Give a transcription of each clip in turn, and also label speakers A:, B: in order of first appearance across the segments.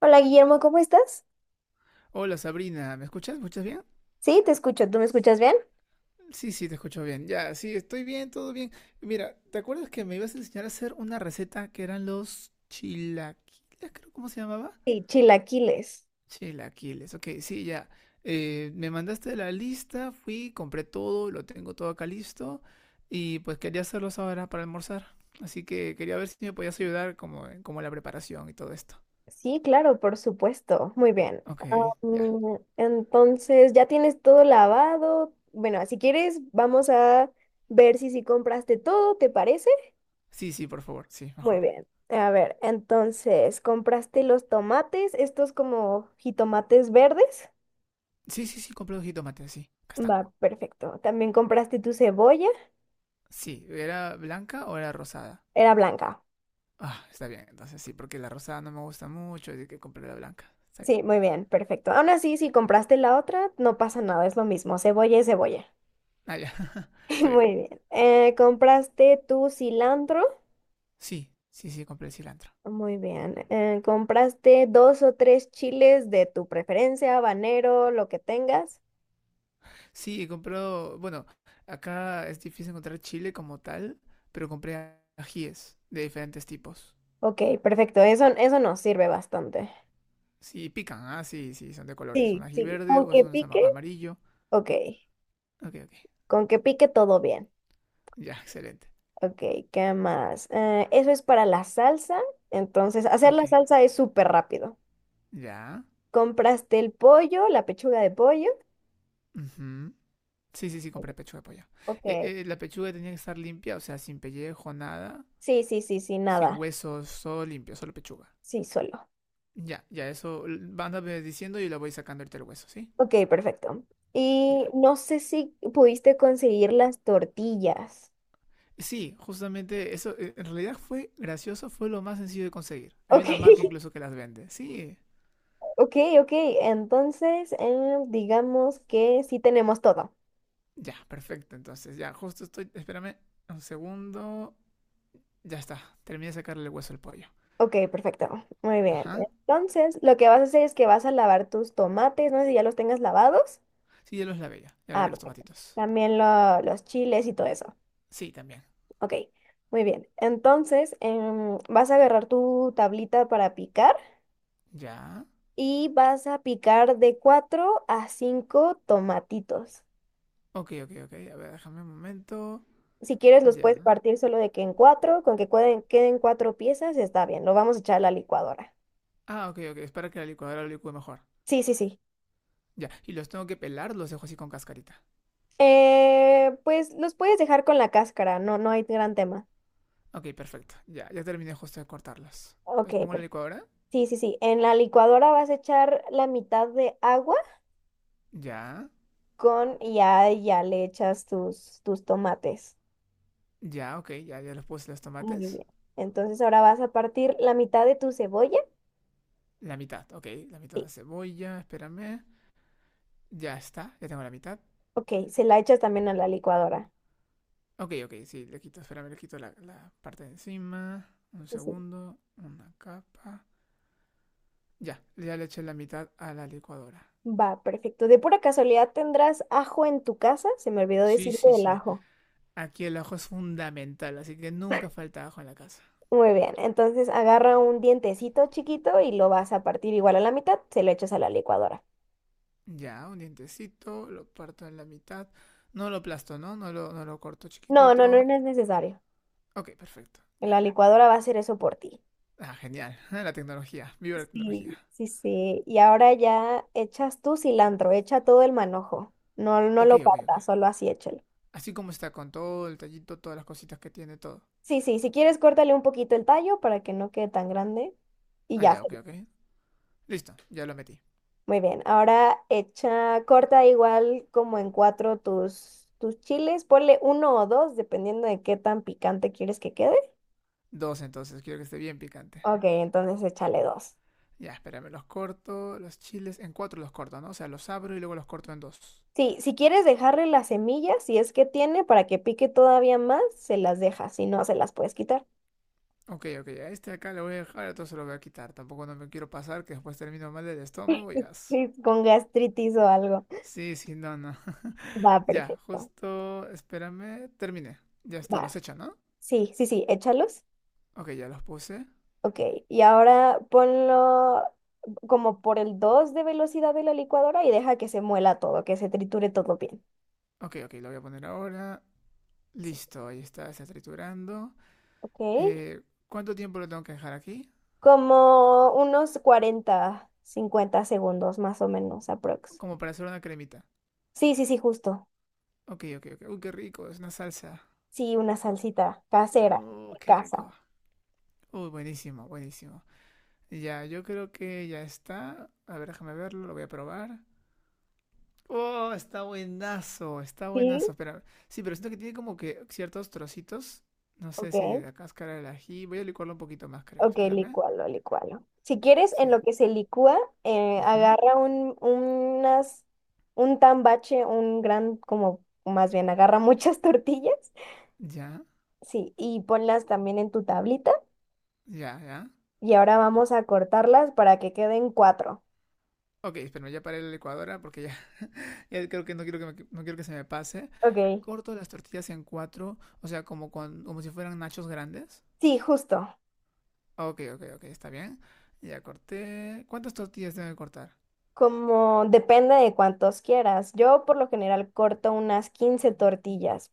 A: Hola Guillermo, ¿cómo estás?
B: Hola Sabrina, ¿me escuchas? ¿Me escuchas bien?
A: Sí, te escucho. ¿Tú me escuchas bien?
B: Sí, sí, te escucho bien. Ya, sí, estoy bien, todo bien. Mira, ¿te acuerdas que me ibas a enseñar a hacer una receta que eran los chilaquiles, creo? ¿Cómo se llamaba?
A: Sí, chilaquiles.
B: Chilaquiles, ok, sí, ya. Me mandaste la lista, fui, compré todo, lo tengo todo acá listo y pues quería hacerlos ahora para almorzar. Así que quería ver si me podías ayudar como, como la preparación y todo esto.
A: Sí, claro, por supuesto. Muy bien.
B: Ok, ya.
A: Entonces, ya tienes todo lavado. Bueno, si quieres, vamos a ver si sí compraste todo, ¿te parece?
B: Sí, sí, por favor, sí,
A: Muy
B: mejor.
A: bien. A ver, entonces, ¿compraste los tomates? Estos como jitomates verdes.
B: Sí, sí, sí, compré 2 jitomates, sí. ¿Acá están?
A: Va, perfecto. También compraste tu cebolla.
B: Sí, ¿era blanca o era rosada?
A: Era blanca.
B: Ah, está bien, entonces sí, porque la rosada no me gusta mucho, así que compré la blanca. Está bien.
A: Sí, muy bien, perfecto. Aún así, si compraste la otra, no pasa nada, es lo mismo, cebolla y cebolla.
B: Ah, ya, está bien.
A: Muy bien. ¿Compraste tu cilantro?
B: Sí, sí, sí, compré el cilantro.
A: Muy bien. ¿Compraste dos o tres chiles de tu preferencia, habanero, lo que tengas?
B: Sí, compré, bueno, acá es difícil encontrar chile como tal, pero compré ajíes de diferentes tipos.
A: Ok, perfecto, eso nos sirve bastante.
B: Sí, pican, ah, sí, sí, son de colores. Un
A: Sí,
B: ají
A: sí.
B: verde
A: ¿Con
B: o es
A: que
B: un
A: pique?
B: amarillo.
A: Ok,
B: Ok, ok.
A: con que pique todo bien.
B: Ya, excelente.
A: Ok, ¿qué más? Eso es para la salsa, entonces hacer
B: Ok,
A: la salsa es súper rápido.
B: ya.
A: Compraste el pollo, la pechuga de pollo.
B: Ujú. Sí, sí, sí, compré pechuga de pollo.
A: Ok.
B: La pechuga tenía que estar limpia, o sea, sin pellejo, nada.
A: Sí, sí, sí, sí,
B: Sin
A: nada.
B: huesos, todo limpio, solo pechuga.
A: Sí, solo.
B: Ya, ya, eso, vándame diciendo y yo le voy sacando ahorita el hueso, ¿sí?
A: Ok, perfecto. Y
B: Ya.
A: no sé si pudiste conseguir las tortillas.
B: Sí, justamente eso, en realidad fue gracioso, fue lo más sencillo de conseguir. Hay
A: Ok,
B: una marca incluso que las vende. Sí,
A: ok, ok. Entonces, digamos que sí tenemos todo.
B: ya, perfecto, entonces, ya, justo estoy, espérame un segundo. Ya está, terminé de sacarle el hueso al pollo.
A: Ok, perfecto. Muy bien.
B: Ajá.
A: Entonces, lo que vas a hacer es que vas a lavar tus tomates. No sé si ya los tengas lavados.
B: Sí, ya los lavé ya, ya
A: Ah,
B: lavé los
A: perfecto.
B: tomatitos.
A: También los chiles y todo eso.
B: Sí, también.
A: Ok, muy bien. Entonces, vas a agarrar tu tablita para picar
B: Ya.
A: y vas a picar de 4 a 5 tomatitos.
B: Ok, ok, ok, a ver, déjame un momento.
A: Si quieres, los
B: Ya.
A: puedes partir solo de que en cuatro, con que queden, cuatro piezas, está bien. Lo vamos a echar a la licuadora.
B: Ah, ok, ok, es para que la licuadora lo licúe mejor.
A: Sí, sí, sí.
B: Ya, y los tengo que pelar, ¿los dejo así con cascarita?
A: Pues los puedes dejar con la cáscara, no, no hay gran tema.
B: Ok, perfecto. Ya, ya terminé justo de cortarlos.
A: Ok,
B: Los pongo en la
A: per-
B: licuadora.
A: Sí, sí, sí. En la licuadora vas a echar la mitad de agua
B: Ya,
A: con, y ya, ya le echas tus tomates.
B: ya, ok, ya, ya los puse los
A: Muy
B: tomates.
A: bien. Entonces ahora vas a partir la mitad de tu cebolla.
B: La mitad, ok, la mitad de
A: Sí.
B: la cebolla, espérame. Ya está, ya tengo la mitad.
A: Ok, se la echas también a la licuadora.
B: Ok, ok, sí, le quito, espérame, le quito la parte de encima. Un
A: Sí, sí.
B: segundo, una capa. Ya, ya le eché la mitad a la licuadora.
A: Va, perfecto. De pura casualidad, ¿tendrás ajo en tu casa? Se me olvidó
B: Sí,
A: decirte
B: sí,
A: del
B: sí.
A: ajo.
B: Aquí el ajo es fundamental, así que nunca falta ajo en la casa.
A: Muy bien. Entonces agarra un dientecito chiquito y lo vas a partir igual a la mitad, se lo echas a la licuadora.
B: Ya, un dientecito, lo parto en la mitad. No lo aplasto, ¿no? No lo corto
A: No, no, no,
B: chiquitito.
A: no es necesario.
B: Ok, perfecto, ya.
A: La licuadora va a hacer eso por ti.
B: Ah, genial. La tecnología, viva la tecnología.
A: Sí, sí, sí. Y ahora ya echas tu cilantro, echa todo el manojo. No, no
B: Ok,
A: lo
B: ok,
A: partas,
B: ok.
A: solo así échalo.
B: Así como está con todo el tallito, todas las cositas que tiene, todo.
A: Sí, sí, si quieres, córtale un poquito el tallo para que no quede tan grande. Y
B: Ah,
A: ya.
B: ya, ok, ok. Listo, ya lo metí.
A: Muy bien. Ahora echa, corta igual como en cuatro tus chiles. Ponle uno o dos, dependiendo de qué tan picante quieres que quede.
B: Dos entonces, quiero que esté bien picante.
A: Ok, entonces échale dos.
B: Ya, espérame, los corto, los chiles, en cuatro los corto, ¿no? O sea, los abro y luego los corto en dos.
A: Sí, si quieres dejarle las semillas, si es que tiene, para que pique todavía más, se las dejas. Si no, se las puedes quitar.
B: Ok, ok, a este acá lo voy a dejar, entonces lo voy a quitar. Tampoco no me quiero pasar que después termino mal del estómago ya.
A: Sí, con gastritis o algo.
B: Sí, sí, no, no.
A: Va,
B: Ya,
A: perfecto.
B: justo, espérame, terminé. Ya está, los
A: Va.
B: he hecho, ¿no?
A: Sí, sí, sí, échalos.
B: Ok, ya los puse.
A: Ok, y ahora ponlo como por el 2 de velocidad de la licuadora y deja que se muela todo, que se triture todo bien.
B: Ok, ok, lo voy a poner ahora.
A: Sí.
B: Listo, ahí está, está triturando.
A: Ok,
B: Eh, ¿Cuánto tiempo lo tengo que dejar aquí?
A: como unos 40, 50 segundos más o menos, aprox.
B: Como para hacer una cremita.
A: Sí, sí, sí, justo.
B: Ok, ok, ok. Uy, qué rico, es una salsa.
A: Sí, una salsita casera de
B: Qué rico.
A: casa.
B: Uy, buenísimo, buenísimo. Ya, yo creo que ya está. A ver, déjame verlo, lo voy a probar. Oh, está buenazo, está
A: Sí,
B: buenazo. Espera, sí, pero siento que tiene como que ciertos trocitos. No sé si
A: ok.
B: de la cáscara del ají. Voy a licuarlo un poquito más, creo.
A: Ok,
B: Espérame.
A: licualo, licualo. Si quieres, en
B: Sí.
A: lo que se licúa,
B: Ujú.
A: agarra unas, un tambache, un gran, como más bien, agarra muchas tortillas.
B: Ya,
A: Sí, y ponlas también en tu tablita.
B: ya, ya.
A: Y ahora vamos a cortarlas para que queden cuatro.
B: Ok, espérame, ya paré la licuadora porque ya, ya creo que no quiero que, no quiero que se me pase.
A: Ok.
B: Corto las tortillas en cuatro, o sea, como si fueran nachos grandes.
A: Sí, justo.
B: Ok, ok, ok, está bien. Ya corté. ¿Cuántas tortillas tengo que cortar?
A: Como depende de cuántos quieras. Yo por lo general corto unas 15 tortillas.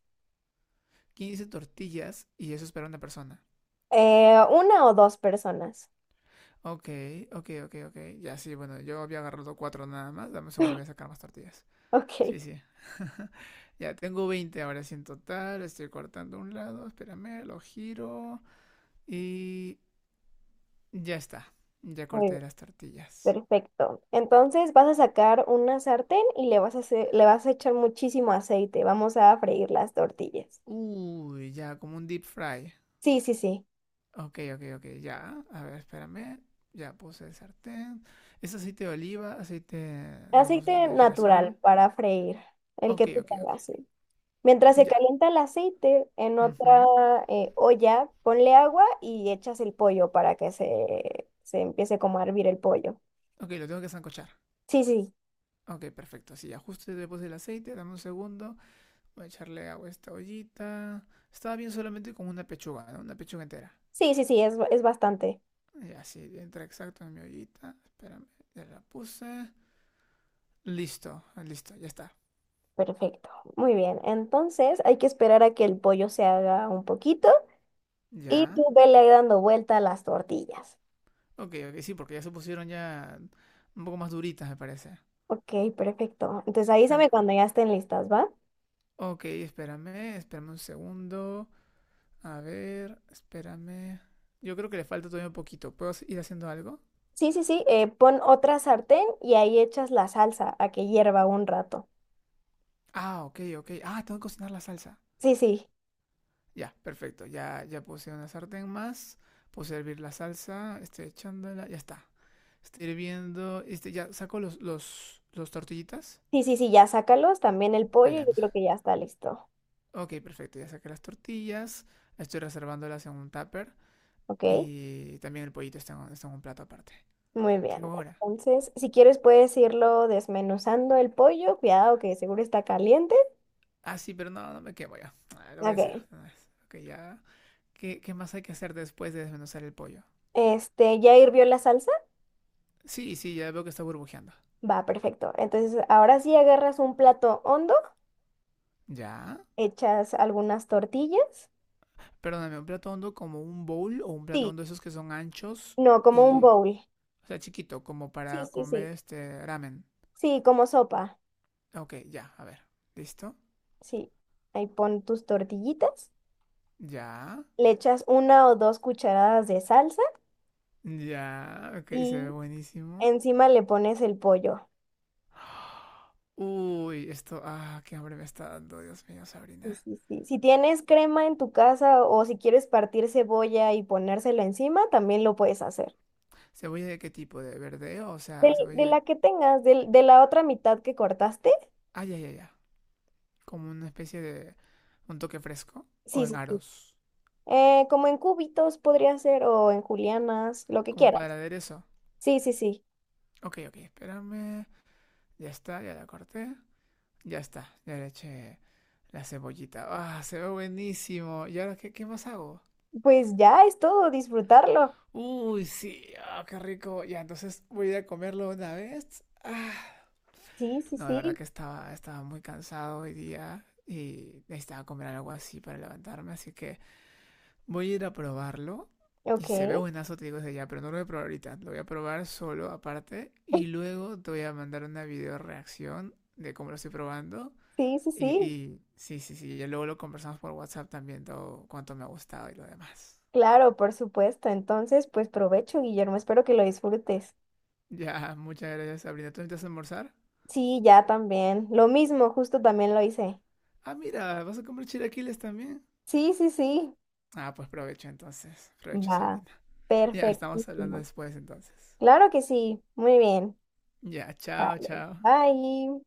B: 15 tortillas y eso es para una persona.
A: Una o dos personas.
B: Ok, ok, ok, ok. Ya sí, bueno, yo había agarrado cuatro nada más. Dame un segundo, voy a sacar más tortillas.
A: Ok.
B: Sí, sí. Ya tengo 20 ahora sí en total. Estoy cortando un lado, espérame, lo giro. Y ya está. Ya
A: muy
B: corté las tortillas.
A: Perfecto. Entonces vas a sacar una sartén y le vas a le vas a echar muchísimo aceite. Vamos a freír las tortillas.
B: Uy, ya, como un deep fry.
A: Sí, sí, sí.
B: Ok, ok, ok, ya. A ver, espérame. Ya puse el sartén. Es aceite de oliva, aceite, digamos,
A: Aceite
B: de
A: natural
B: girasol.
A: para freír, el que
B: Ok,
A: tú
B: ok, ok.
A: tengas. Sí. Mientras se
B: Ya.
A: calienta el aceite en
B: Ujú.
A: otra olla, ponle agua y echas el pollo para que se empiece como a hervir el pollo.
B: Ok, lo tengo que sancochar.
A: Sí, sí.
B: Ok, perfecto. Así ya, justo después del aceite, dame un segundo. Voy a echarle agua a esta ollita. Estaba bien solamente con una pechuga, ¿no? Una pechuga entera.
A: Sí, sí, sí, es bastante.
B: Y así entra exacto en mi ollita. Espérame, ya la puse. Listo, listo, ya está.
A: Perfecto. Muy bien. Entonces hay que esperar a que el pollo se haga un poquito. Y tú
B: Ya.
A: vele ahí dando vuelta a las tortillas.
B: Ok, ok, sí, porque ya se pusieron ya un poco más duritas, me parece.
A: Ok, perfecto. Entonces
B: Están...
A: avísame cuando ya estén listas, ¿va?
B: Ok, espérame, espérame un segundo. A ver, espérame. Yo creo que le falta todavía un poquito. ¿Puedo ir haciendo algo?
A: Sí, sí, sí. Pon otra sartén y ahí echas la salsa a que hierva un rato.
B: Ah, ok, ok. Ah, tengo que cocinar la salsa.
A: Sí, sí.
B: Ya, perfecto. Ya, ya puse una sartén más. Puse a hervir la salsa. Este, echándola. Ya está. Estoy hirviendo. Este, ya saco los tortillitas.
A: Sí, sí, sí, ya sácalos. También el
B: Ah,
A: pollo,
B: ya.
A: yo
B: no
A: creo
B: sa-
A: que ya está listo.
B: Ok, perfecto. Ya saqué las tortillas. Estoy reservándolas en un tupper.
A: Ok,
B: Y también el pollito está en, está en un plato aparte.
A: muy
B: ¿Qué
A: bien.
B: hago ahora?
A: Entonces, si quieres puedes irlo desmenuzando el pollo. Cuidado que seguro está caliente.
B: Ah, sí, pero no, no me quemo ya. Ah, lo voy a hacer
A: Ok.
B: de una vez. Ok, ya. ¿Qué, qué más hay que hacer después de desmenuzar el pollo?
A: Este, ¿ya hirvió la salsa?
B: Sí, sí, ya veo que está burbujeando.
A: Va, perfecto. Entonces, ahora sí agarras un plato hondo,
B: Ya,
A: echas algunas tortillas.
B: perdóname, ¿un plato hondo como un bowl o un plato
A: Sí,
B: hondo esos que son anchos
A: no, como un
B: y,
A: bowl.
B: o sea, chiquito, como
A: Sí,
B: para
A: sí, sí.
B: comer este ramen?
A: Sí, como sopa.
B: Ok, ya, a ver, ¿listo?
A: Sí. Ahí pon tus tortillitas,
B: Ya,
A: le echas una o dos cucharadas de salsa
B: ya, ok, se ve
A: y
B: buenísimo.
A: encima le pones el pollo.
B: Uy, esto, ah, qué hambre me está dando, Dios mío,
A: Sí,
B: Sabrina.
A: sí, sí. Si tienes crema en tu casa o si quieres partir cebolla y ponérselo encima, también lo puedes hacer.
B: ¿Cebolla de qué tipo? ¿De verde? O sea,
A: De,
B: cebolla,
A: la que tengas, de, la otra mitad que cortaste.
B: ah, ya, ya, ya, como una especie de, un toque fresco o
A: Sí,
B: en
A: sí, sí.
B: aros,
A: Como en cubitos podría ser o en julianas, lo que
B: como
A: quieras.
B: para aderezo.
A: Sí, sí, sí.
B: Ok, ok, espérame, ya está, ya la corté, ya está, ya le eché la cebollita. Ah, se ve buenísimo. ¿Y ahora qué, qué más hago?
A: Pues ya es todo, disfrutarlo.
B: Uy, sí. Ah, qué rico. Ya, entonces voy a ir a comerlo una vez. Ah.
A: Sí, sí,
B: No, de verdad
A: sí.
B: que estaba, estaba muy cansado hoy día y necesitaba comer algo así para levantarme. Así que voy a ir a probarlo. Y
A: Ok.
B: se ve buenazo, te digo desde ya, pero no lo voy a probar ahorita. Lo voy a probar solo aparte y luego te voy a mandar una video reacción de cómo lo estoy probando.
A: Sí, sí, sí.
B: Y sí, sí, sí, ya luego lo conversamos por WhatsApp también, todo cuánto me ha gustado y lo demás.
A: Claro, por supuesto. Entonces, pues provecho, Guillermo. Espero que lo disfrutes.
B: Ya, muchas gracias, Sabrina. ¿Tú necesitas almorzar?
A: Sí, ya también. Lo mismo, justo también lo hice.
B: Ah, mira, ¿vas a comer chilaquiles también?
A: Sí, sí, sí.
B: Ah, pues provecho entonces. Provecho,
A: Va.
B: Sabrina. Ya, estamos hablando
A: Perfectísimo.
B: después entonces.
A: Claro que sí. Muy bien.
B: Ya, chao,
A: Vale.
B: chao.
A: Bye.